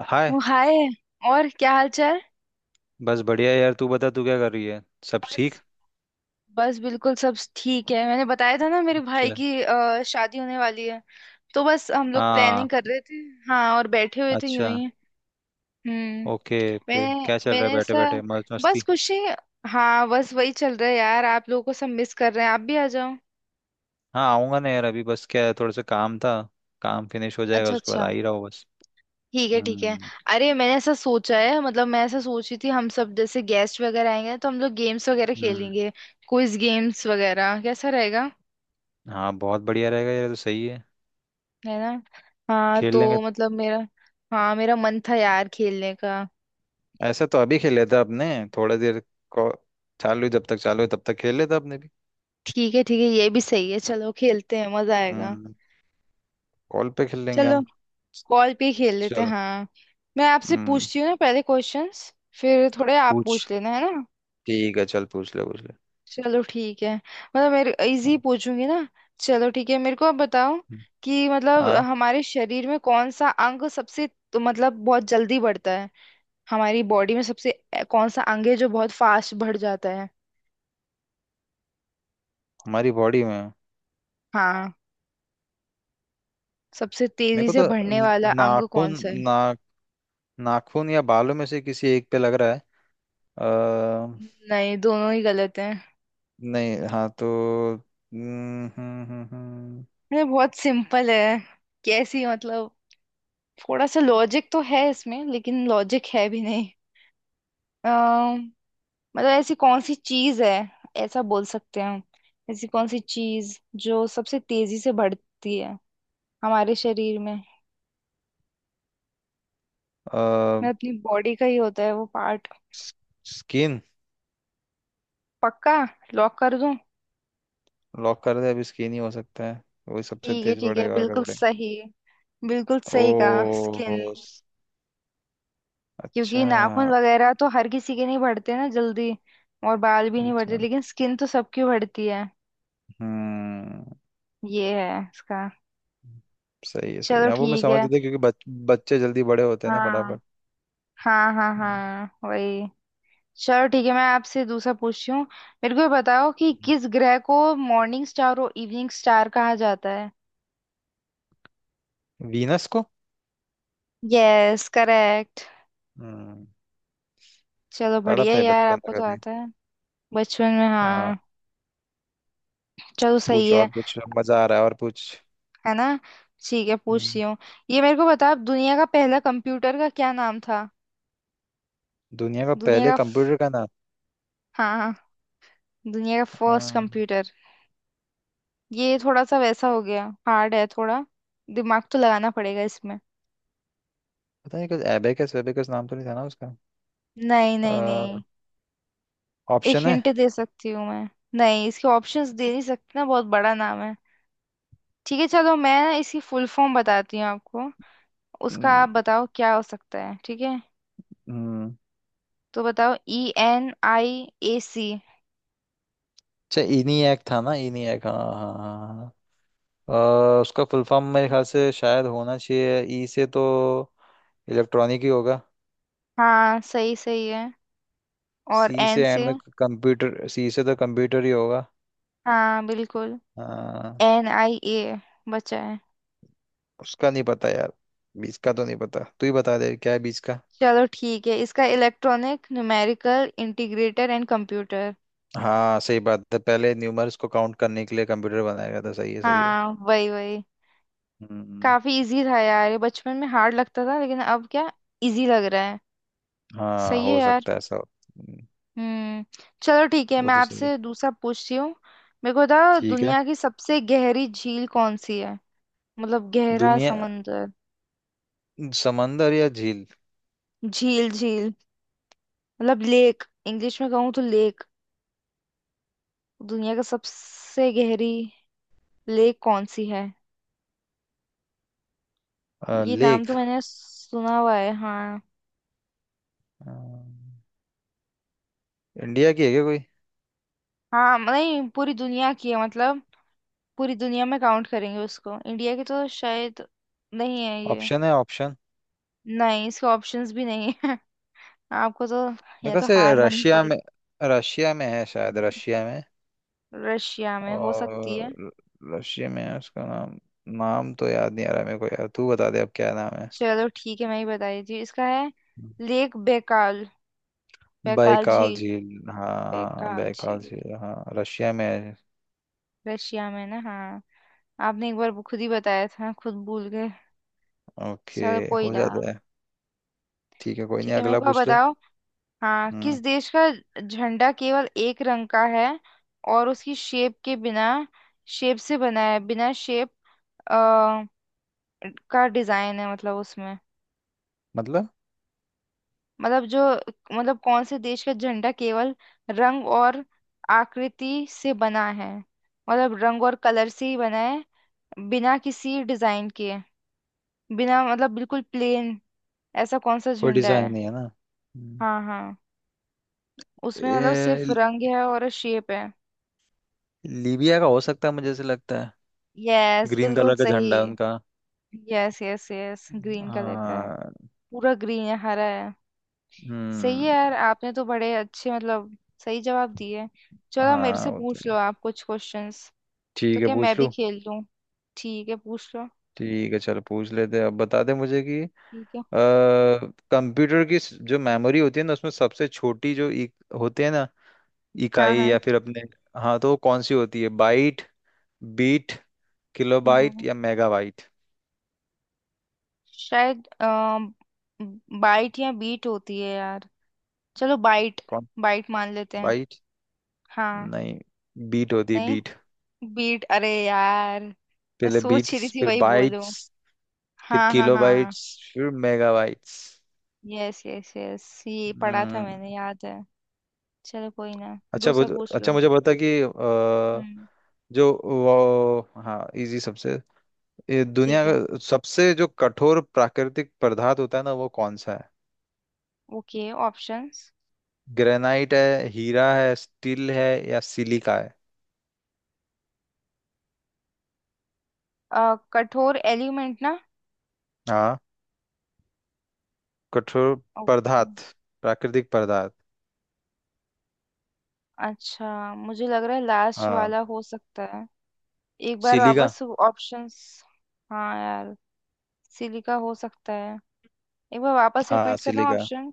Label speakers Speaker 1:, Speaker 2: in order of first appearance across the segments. Speaker 1: हाय।
Speaker 2: Oh, hi. और क्या हाल चाल?
Speaker 1: बस बढ़िया यार, तू बता तू क्या कर रही है। सब
Speaker 2: बस।
Speaker 1: ठीक।
Speaker 2: बस बिल्कुल सब ठीक है। मैंने बताया था ना मेरे भाई
Speaker 1: अच्छा।
Speaker 2: की शादी होने वाली है। तो बस हम लोग
Speaker 1: हाँ।
Speaker 2: प्लानिंग कर रहे थे। हाँ। और बैठे हुए थे
Speaker 1: अच्छा।
Speaker 2: यूं ही। हम्म।
Speaker 1: ओके, फिर
Speaker 2: मैंने
Speaker 1: क्या चल रहा है,
Speaker 2: मैंने
Speaker 1: बैठे
Speaker 2: ऐसा।
Speaker 1: बैठे मौज
Speaker 2: बस
Speaker 1: मस्ती।
Speaker 2: खुशी। हाँ, बस वही चल रहा है यार। आप लोगों को सब मिस कर रहे हैं। आप भी आ जाओ।
Speaker 1: हाँ आऊंगा ना यार, अभी बस क्या है, थोड़ा सा काम था। काम फिनिश हो जाएगा
Speaker 2: अच्छा,
Speaker 1: उसके बाद आ
Speaker 2: अच्छा।
Speaker 1: ही रहा हूँ बस।
Speaker 2: ठीक है, ठीक है।
Speaker 1: हम्म।
Speaker 2: अरे, मैंने ऐसा सोचा है। मतलब मैं ऐसा सोच रही थी हम सब जैसे गेस्ट वगैरह आएंगे तो हम लोग गेम्स वगैरह
Speaker 1: हम्म।
Speaker 2: खेलेंगे। क्विज गेम्स वगैरह कैसा रहेगा?
Speaker 1: हाँ बहुत बढ़िया रहेगा यार, ये तो सही है।
Speaker 2: है ना। हाँ
Speaker 1: खेल लेंगे।
Speaker 2: तो मतलब मेरा। हाँ, मेरा मन था यार खेलने का।
Speaker 1: ऐसा तो अभी खेल लेता अपने, थोड़ा देर को चालू है, जब तक चालू है तब तक खेल लेता अपने भी।
Speaker 2: ठीक है, ठीक है, ये भी सही है। चलो खेलते हैं, मजा आएगा।
Speaker 1: हम्म। कॉल पे खेल लेंगे
Speaker 2: चलो।
Speaker 1: हम।
Speaker 2: कॉल पे ही खेल लेते हैं,
Speaker 1: चल।
Speaker 2: हाँ। मैं आपसे
Speaker 1: हम्म।
Speaker 2: पूछती हूँ ना पहले क्वेश्चंस। फिर थोड़े आप
Speaker 1: पूछ।
Speaker 2: पूछ लेना, है ना।
Speaker 1: ठीक है, चल पूछ ले पूछ ले।
Speaker 2: चलो ठीक है, मतलब मेरे इजी पूछूंगी ना। चलो ठीक है, मेरे को आप बताओ
Speaker 1: हम्म,
Speaker 2: कि मतलब
Speaker 1: हाँ।
Speaker 2: हमारे शरीर में कौन सा अंग सबसे। तो मतलब बहुत जल्दी बढ़ता है। हमारी बॉडी में सबसे कौन सा अंग है जो बहुत फास्ट बढ़ जाता है?
Speaker 1: हमारी बॉडी में।
Speaker 2: हाँ। सबसे
Speaker 1: मेरे
Speaker 2: तेजी
Speaker 1: को
Speaker 2: से
Speaker 1: तो
Speaker 2: बढ़ने वाला अंग कौन
Speaker 1: नाखून
Speaker 2: सा है?
Speaker 1: ना। नाखून या बालों में से किसी एक पे लग रहा है। अ,
Speaker 2: नहीं, दोनों ही गलत हैं।
Speaker 1: नहीं। हाँ तो हम्म, हम्म, हम्म, हम्म,
Speaker 2: अरे बहुत सिंपल है। कैसी मतलब? थोड़ा सा लॉजिक तो है इसमें, लेकिन लॉजिक है भी नहीं। अम, मतलब ऐसी कौन सी चीज है? ऐसा बोल सकते हैं हम, ऐसी कौन सी चीज जो सबसे तेजी से बढ़ती है हमारे शरीर में।
Speaker 1: अ,
Speaker 2: मतलब अपनी बॉडी का ही होता है वो पार्ट।
Speaker 1: स- स्किन।
Speaker 2: पक्का? लॉक कर दूं?
Speaker 1: लॉक कर दे, अभी स्किन ही हो सकता है। वही सबसे
Speaker 2: ठीक है,
Speaker 1: तेज
Speaker 2: ठीक है,
Speaker 1: बढ़ेगा, आगे
Speaker 2: बिल्कुल
Speaker 1: बढ़ेगा।
Speaker 2: सही। बिल्कुल
Speaker 1: ओ
Speaker 2: सही कहा, स्किन।
Speaker 1: हो,
Speaker 2: क्योंकि
Speaker 1: अच्छा
Speaker 2: नाखून वगैरह तो हर किसी के नहीं बढ़ते ना जल्दी। और बाल भी नहीं बढ़ते
Speaker 1: अच्छा।
Speaker 2: लेकिन स्किन तो सबकी बढ़ती है।
Speaker 1: हम्म।
Speaker 2: ये है इसका।
Speaker 1: सही है सही है,
Speaker 2: चलो
Speaker 1: हाँ वो मैं
Speaker 2: ठीक
Speaker 1: समझ
Speaker 2: है।
Speaker 1: गया क्योंकि बच्चे जल्दी बड़े होते हैं ना
Speaker 2: हाँ,
Speaker 1: फटाफट।
Speaker 2: हाँ, हाँ,
Speaker 1: हम्म,
Speaker 2: हाँ, वही। चलो ठीक है, मैं आपसे दूसरा पूछती हूँ। मेरे को ये बताओ कि
Speaker 1: हम्म।
Speaker 2: किस ग्रह को मॉर्निंग स्टार और इवनिंग स्टार कहा जाता है?
Speaker 1: वीनस को।
Speaker 2: Yes, correct.
Speaker 1: हम्म।
Speaker 2: चलो
Speaker 1: पढ़ा
Speaker 2: बढ़िया
Speaker 1: था ये
Speaker 2: यार,
Speaker 1: बचपन
Speaker 2: आपको
Speaker 1: में
Speaker 2: तो
Speaker 1: कभी।
Speaker 2: आता है। बचपन में,
Speaker 1: हाँ
Speaker 2: हाँ। चलो सही
Speaker 1: पूछ
Speaker 2: है।
Speaker 1: और पूछ, मजा आ रहा है और पूछ।
Speaker 2: है ना। ठीक है, पूछती
Speaker 1: हम्म,
Speaker 2: हूँ। ये मेरे को बताओ, दुनिया का पहला कंप्यूटर का क्या नाम था?
Speaker 1: दुनिया का
Speaker 2: दुनिया
Speaker 1: पहले
Speaker 2: का
Speaker 1: कंप्यूटर का नाम।
Speaker 2: हाँ, हाँ। दुनिया का फर्स्ट
Speaker 1: हाँ।
Speaker 2: कंप्यूटर। ये थोड़ा सा वैसा हो गया, हार्ड है थोड़ा। दिमाग तो लगाना पड़ेगा इसमें।
Speaker 1: पता नहीं कुछ एबेकस वेबेकस नाम तो नहीं था ना उसका।
Speaker 2: नहीं, नहीं, नहीं। एक
Speaker 1: ऑप्शन है।
Speaker 2: हिंट दे सकती हूँ मैं? नहीं, इसके ऑप्शंस दे नहीं सकती ना, बहुत बड़ा नाम है। ठीक है चलो, मैं इसकी फुल फॉर्म बताती हूँ आपको। उसका
Speaker 1: हम्म।
Speaker 2: आप बताओ क्या हो सकता है, ठीक है।
Speaker 1: हम्म,
Speaker 2: तो बताओ, ENIAC।
Speaker 1: अच्छा ENIAC था ना, ENIAC। हाँ हाँ हाँ हाँ। उसका फुल फॉर्म मेरे ख्याल से शायद होना चाहिए, ई से तो इलेक्ट्रॉनिक ही होगा।
Speaker 2: हाँ, सही सही है। और
Speaker 1: सी
Speaker 2: एन
Speaker 1: से एंड
Speaker 2: से?
Speaker 1: में कंप्यूटर, सी से तो कंप्यूटर ही होगा।
Speaker 2: हाँ, बिल्कुल।
Speaker 1: हाँ।
Speaker 2: NIA बचा है।
Speaker 1: उसका नहीं पता यार, बीच का तो नहीं पता, तू ही बता दे क्या है बीच का।
Speaker 2: चलो ठीक है, इसका electronic numerical integrator and computer.
Speaker 1: हाँ सही बात है, पहले न्यूमर्स को काउंट करने के लिए कंप्यूटर बनाया गया था, सही है सही है।
Speaker 2: हाँ, वही वही।
Speaker 1: हम्म।
Speaker 2: काफी इजी था यार, ये बचपन में हार्ड लगता था लेकिन अब क्या, इजी लग रहा है।
Speaker 1: हाँ
Speaker 2: सही है
Speaker 1: हो
Speaker 2: यार।
Speaker 1: सकता है ऐसा।
Speaker 2: हम्म। चलो ठीक है,
Speaker 1: वो
Speaker 2: मैं
Speaker 1: तो सही है।
Speaker 2: आपसे दूसरा पूछती हूँ। मेरे को बताओ,
Speaker 1: ठीक है।
Speaker 2: दुनिया की सबसे गहरी झील कौन सी है? मतलब गहरा
Speaker 1: दुनिया।
Speaker 2: समंदर।
Speaker 1: समंदर या झील।
Speaker 2: झील, झील। मतलब लेक, इंग्लिश में कहूँ तो लेक। दुनिया का सबसे गहरी लेक कौन सी है? ये नाम
Speaker 1: लेक।
Speaker 2: तो मैंने सुना हुआ है, हाँ।
Speaker 1: अ, इंडिया की है क्या कोई।
Speaker 2: हाँ, नहीं, पूरी दुनिया की है मतलब। पूरी दुनिया में काउंट करेंगे उसको, इंडिया की तो शायद नहीं है ये।
Speaker 1: ऑप्शन है ऑप्शन।
Speaker 2: नहीं, इसके ऑप्शंस भी नहीं है। आपको तो
Speaker 1: मेरे
Speaker 2: या
Speaker 1: ख्याल
Speaker 2: तो
Speaker 1: से
Speaker 2: हार माननी
Speaker 1: रशिया
Speaker 2: पड़ी।
Speaker 1: में। रशिया में है शायद,
Speaker 2: हाँ,
Speaker 1: रशिया में।
Speaker 2: रशिया में हो सकती है।
Speaker 1: और रशिया में है। उसका नाम, नाम तो याद नहीं आ रहा मेरे को यार, तू बता दे अब क्या नाम है।
Speaker 2: चलो ठीक है, मैं ही बता देती हूँ। इसका है लेक बेकाल। बेकाल
Speaker 1: बैकाल
Speaker 2: झील।
Speaker 1: झील, हाँ
Speaker 2: बेकाल
Speaker 1: बैकाल
Speaker 2: झील,
Speaker 1: झील, हाँ रशिया में है।
Speaker 2: रशिया में ना, हाँ। आपने एक बार वो खुद ही बताया था, खुद भूल गए।
Speaker 1: ओके।
Speaker 2: चलो कोई
Speaker 1: हो
Speaker 2: ना।
Speaker 1: जाता है। ठीक है कोई नहीं,
Speaker 2: ठीक है, मेरे
Speaker 1: अगला
Speaker 2: को आप
Speaker 1: पूछ ले।
Speaker 2: बताओ। हाँ,
Speaker 1: हम्म।
Speaker 2: किस देश का झंडा केवल एक रंग का है, और उसकी शेप के बिना, शेप से बना है। बिना शेप का डिजाइन है मतलब उसमें।
Speaker 1: मतलब
Speaker 2: मतलब जो, मतलब कौन से देश का झंडा केवल रंग और आकृति से बना है। मतलब रंग और कलर से ही बना है, बिना किसी डिजाइन के। बिना, मतलब बिल्कुल प्लेन। ऐसा कौन सा
Speaker 1: कोई
Speaker 2: झंडा
Speaker 1: डिजाइन
Speaker 2: है?
Speaker 1: नहीं है ना। हम्म,
Speaker 2: हाँ, हाँ। उसमें मतलब सिर्फ
Speaker 1: ए,
Speaker 2: रंग है और शेप है।
Speaker 1: लीबिया का हो सकता है, मुझे ऐसे लगता है।
Speaker 2: यस,
Speaker 1: ग्रीन
Speaker 2: बिल्कुल
Speaker 1: कलर का
Speaker 2: सही।
Speaker 1: झंडा है उनका।
Speaker 2: Yes, yes, yes, green colour का है।
Speaker 1: हाँ।
Speaker 2: पूरा ग्रीन है, हरा है। सही है
Speaker 1: हम्म।
Speaker 2: यार, आपने तो बड़े अच्छे, मतलब सही जवाब दिए। चलो मेरे
Speaker 1: हाँ
Speaker 2: से
Speaker 1: वो तो
Speaker 2: पूछ लो
Speaker 1: है।
Speaker 2: आप कुछ क्वेश्चंस। तो
Speaker 1: ठीक है
Speaker 2: क्या मैं
Speaker 1: पूछ
Speaker 2: भी
Speaker 1: लूँ।
Speaker 2: खेल लूं? ठीक है, पूछ लो।
Speaker 1: ठीक है चलो पूछ लेते हैं। अब बता दे मुझे कि
Speaker 2: ठीक है।
Speaker 1: कंप्यूटर की जो मेमोरी होती है ना उसमें सबसे छोटी जो होते हैं ना,
Speaker 2: हाँ,
Speaker 1: इकाई
Speaker 2: हाँ।
Speaker 1: या फिर अपने, हाँ तो वो कौन सी होती है, बाइट, बीट, किलोबाइट
Speaker 2: हम्म
Speaker 1: या मेगाबाइट।
Speaker 2: शायद बाइट या बीट होती है यार। चलो बाइट।
Speaker 1: कौन।
Speaker 2: बाइट मान लेते हैं।
Speaker 1: बाइट
Speaker 2: हाँ।
Speaker 1: नहीं, बीट होती है
Speaker 2: नहीं,
Speaker 1: बीट।
Speaker 2: बीट। अरे यार मैं
Speaker 1: पहले
Speaker 2: सोच ही
Speaker 1: बीट्स,
Speaker 2: रही थी
Speaker 1: फिर
Speaker 2: वही बोलूं।
Speaker 1: बाइट्स, फिर
Speaker 2: हाँ, हाँ,
Speaker 1: किलो
Speaker 2: हाँ, हाँ।
Speaker 1: बाइट्स, फिर megabytes.
Speaker 2: Yes, yes, yes, ये पढ़ा था
Speaker 1: हम्म।
Speaker 2: मैंने, याद है। चलो कोई ना,
Speaker 1: अच्छा
Speaker 2: दूसरा पूछ
Speaker 1: अच्छा
Speaker 2: लो।
Speaker 1: मुझे बता कि
Speaker 2: हम्म।
Speaker 1: जो वो, हाँ इजी सबसे, ये दुनिया
Speaker 2: ठीक है।
Speaker 1: का सबसे जो कठोर प्राकृतिक पदार्थ होता है ना, वो कौन सा है।
Speaker 2: Okay, options.
Speaker 1: ग्रेनाइट है, हीरा है, स्टील है, या सिलिका है।
Speaker 2: कठोर एलिमेंट ना।
Speaker 1: हाँ। कठोर
Speaker 2: ओके।
Speaker 1: पदार्थ, प्राकृतिक पदार्थ।
Speaker 2: अच्छा, मुझे लग रहा है लास्ट
Speaker 1: हाँ
Speaker 2: वाला हो सकता है। एक बार
Speaker 1: सिलिका।
Speaker 2: वापस ऑप्शंस। हाँ यार, सिलिका हो सकता है। एक बार वापस
Speaker 1: हाँ
Speaker 2: रिपीट करना
Speaker 1: सिलिका।
Speaker 2: ऑप्शन।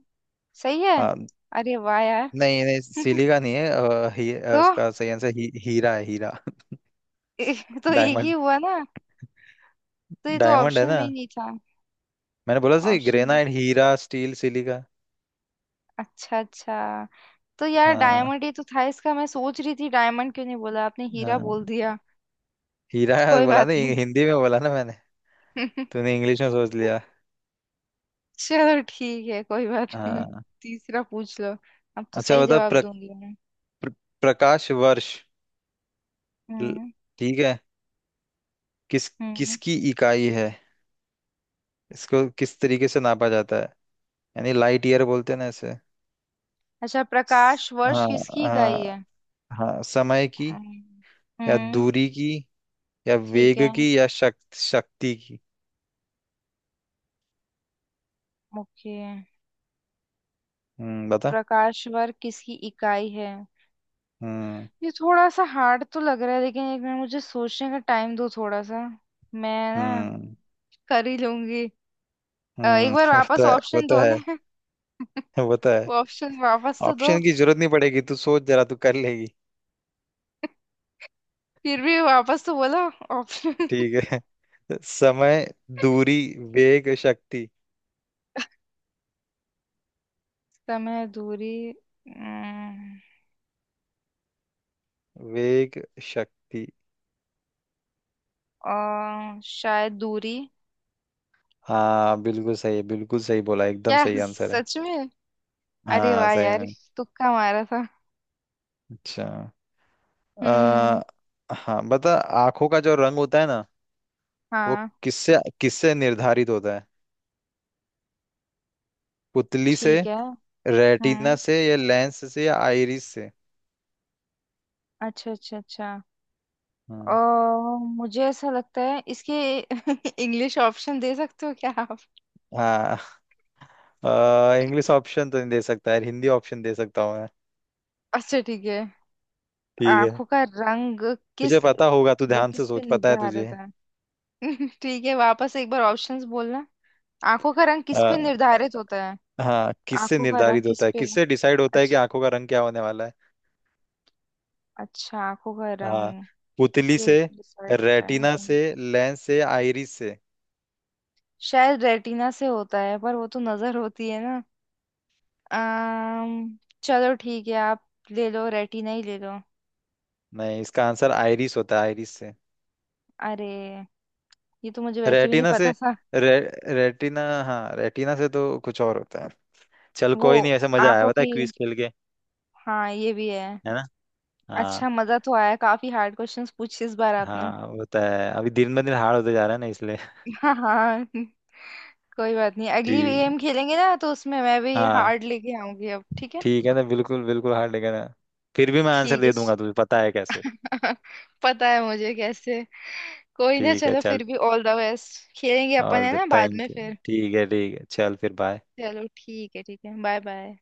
Speaker 2: सही है।
Speaker 1: हाँ।
Speaker 2: अरे वाह यार।
Speaker 1: नहीं नहीं, सिली का नहीं है,
Speaker 2: तो
Speaker 1: उसका सही आंसर हीरा है हीरा।
Speaker 2: ए, तो एक ही
Speaker 1: डायमंड।
Speaker 2: हुआ ना। तो ये तो
Speaker 1: डायमंड है
Speaker 2: ऑप्शन
Speaker 1: ना।
Speaker 2: में ही नहीं था।
Speaker 1: मैंने बोला सही,
Speaker 2: ऑप्शन।
Speaker 1: ग्रेनाइट हीरा स्टील सिलिका।
Speaker 2: अच्छा, अच्छा। तो यार
Speaker 1: हाँ।
Speaker 2: डायमंड, ये तो था इसका। मैं सोच रही थी डायमंड क्यों नहीं बोला आपने, हीरा
Speaker 1: हाँ
Speaker 2: बोल दिया।
Speaker 1: हीरा।
Speaker 2: तो कोई
Speaker 1: बोला
Speaker 2: बात
Speaker 1: ना,
Speaker 2: नहीं।
Speaker 1: हिंदी में बोला ना मैंने। तूने इंग्लिश में सोच लिया।
Speaker 2: चलो ठीक है, कोई बात नहीं।
Speaker 1: हाँ।
Speaker 2: तीसरा पूछ लो। अब तो
Speaker 1: अच्छा
Speaker 2: सही
Speaker 1: बता,
Speaker 2: जवाब
Speaker 1: प्र,
Speaker 2: दूंगी मैं।
Speaker 1: प्र, प्रकाश वर्ष। ल-
Speaker 2: हम्म।
Speaker 1: ठीक है, किस,
Speaker 2: हम्म।
Speaker 1: किसकी इकाई है, इसको किस तरीके से नापा जाता है, यानी लाइट ईयर बोलते हैं ना इसे।
Speaker 2: अच्छा,
Speaker 1: स-
Speaker 2: प्रकाश वर्ष
Speaker 1: हाँ।
Speaker 2: किसकी इकाई
Speaker 1: हाँ।
Speaker 2: है?
Speaker 1: हाँ समय की
Speaker 2: हम्म।
Speaker 1: या
Speaker 2: हम्म,
Speaker 1: दूरी की या
Speaker 2: ठीक
Speaker 1: वेग
Speaker 2: है।
Speaker 1: की या शक्ति शक्ति की।
Speaker 2: ओके।
Speaker 1: बता।
Speaker 2: प्रकाश वर्ष किसकी इकाई है?
Speaker 1: हम्म।
Speaker 2: ये थोड़ा सा हार्ड तो लग रहा है, लेकिन एक मिनट मुझे सोचने का टाइम दो थोड़ा सा। मैं ना
Speaker 1: हम्म।
Speaker 2: कर ही लूंगी। एक
Speaker 1: हम्म।
Speaker 2: बार
Speaker 1: वो तो
Speaker 2: वापस
Speaker 1: है वो
Speaker 2: ऑप्शन
Speaker 1: तो है।
Speaker 2: दोगे?
Speaker 1: वो तो है।
Speaker 2: वो ऑप्शन वापस तो दो।
Speaker 1: ऑप्शन की जरूरत नहीं पड़ेगी, तू सोच जरा, तू कर लेगी।
Speaker 2: फिर भी वापस तो बोलो ऑप्शन।
Speaker 1: ठीक है। समय, दूरी, वेग, शक्ति।
Speaker 2: समय, दूरी। अम्म,
Speaker 1: वेग शक्ति।
Speaker 2: शायद दूरी।
Speaker 1: हाँ बिल्कुल सही है, बिल्कुल सही बोला, एकदम
Speaker 2: क्या,
Speaker 1: सही आंसर है।
Speaker 2: सच में? अरे
Speaker 1: हाँ
Speaker 2: वाह
Speaker 1: सही
Speaker 2: यार।
Speaker 1: में।
Speaker 2: तुक्का मारा था।
Speaker 1: अच्छा।
Speaker 2: हम्म।
Speaker 1: आ, हाँ बता। आंखों का जो रंग होता है ना, वो
Speaker 2: हाँ।
Speaker 1: किससे, किससे निर्धारित होता है। पुतली से,
Speaker 2: ठीक है।
Speaker 1: रेटिना
Speaker 2: हम्म।
Speaker 1: से, या लेंस से, या आइरिस से।
Speaker 2: अच्छा, अच्छा, अच्छा।
Speaker 1: हम्म।
Speaker 2: ओ, मुझे ऐसा लगता है इसके। इंग्लिश ऑप्शन दे सकते हो क्या आप?
Speaker 1: हाँ इंग्लिश ऑप्शन तो नहीं दे सकता यार, हिंदी ऑप्शन दे सकता हूँ मैं।
Speaker 2: अच्छा, ठीक है।
Speaker 1: ठीक है।
Speaker 2: आंखों का रंग
Speaker 1: तुझे
Speaker 2: किस।
Speaker 1: पता होगा, तू
Speaker 2: मतलब
Speaker 1: ध्यान से
Speaker 2: किस पे
Speaker 1: सोच, पता है
Speaker 2: निर्धारित
Speaker 1: तुझे।
Speaker 2: है? ठीक है, वापस एक बार ऑप्शंस बोलना। आंखों का रंग किस
Speaker 1: आ,
Speaker 2: पे निर्धारित होता है?
Speaker 1: हाँ, किससे
Speaker 2: आंखों का रंग
Speaker 1: निर्धारित
Speaker 2: किस
Speaker 1: होता है,
Speaker 2: पे?
Speaker 1: किससे डिसाइड होता है कि
Speaker 2: अच्छा,
Speaker 1: आंखों का रंग क्या होने वाला है।
Speaker 2: अच्छा, आंखों का
Speaker 1: हाँ
Speaker 2: रंग
Speaker 1: पुतली
Speaker 2: किससे
Speaker 1: से,
Speaker 2: डिसाइड होता है?
Speaker 1: रेटिना से, लेंस से, आइरिस से।
Speaker 2: शायद रेटिना से होता है, पर वो तो नजर होती है ना। अम्म चलो ठीक है, आप ले लो, रेटिना ही ले लो।
Speaker 1: नहीं, इसका आंसर आइरिस होता है, आइरिस से।
Speaker 2: अरे, ये तो मुझे वैसे भी नहीं
Speaker 1: रेटिना से,
Speaker 2: पता था।
Speaker 1: रे, रेटिना, हाँ रेटिना से तो कुछ और होता है। चल
Speaker 2: वो
Speaker 1: कोई नहीं, ऐसे मजा आया
Speaker 2: आंखों
Speaker 1: बता
Speaker 2: की,
Speaker 1: क्विज खेल के।
Speaker 2: हाँ ये भी है।
Speaker 1: है ना। हाँ।
Speaker 2: अच्छा, मजा तो आया, काफी हार्ड क्वेश्चंस पूछे इस बार आपने।
Speaker 1: हाँ वो तो है, अभी दिन ब दिन हार्ड होते जा रहा है ना इसलिए।
Speaker 2: हाँ, हाँ। कोई बात नहीं, अगली
Speaker 1: ठीक है।
Speaker 2: गेम खेलेंगे ना तो उसमें मैं भी
Speaker 1: हाँ
Speaker 2: हार्ड लेके आऊंगी अब, ठीक है।
Speaker 1: ठीक है ना, बिल्कुल बिल्कुल हार्ड लेगा ना, फिर भी मैं आंसर
Speaker 2: ठीक है।
Speaker 1: दे दूंगा, तुझे पता है कैसे।
Speaker 2: श- पता है मुझे कैसे। कोई ना,
Speaker 1: ठीक है
Speaker 2: चलो
Speaker 1: चल।
Speaker 2: फिर भी ऑल द बेस्ट, खेलेंगे अपन है
Speaker 1: और
Speaker 2: ना बाद में
Speaker 1: थैंक यू।
Speaker 2: फिर।
Speaker 1: ठीक है चल, फिर बाय।
Speaker 2: चलो ठीक है, ठीक है, बाय, बाय।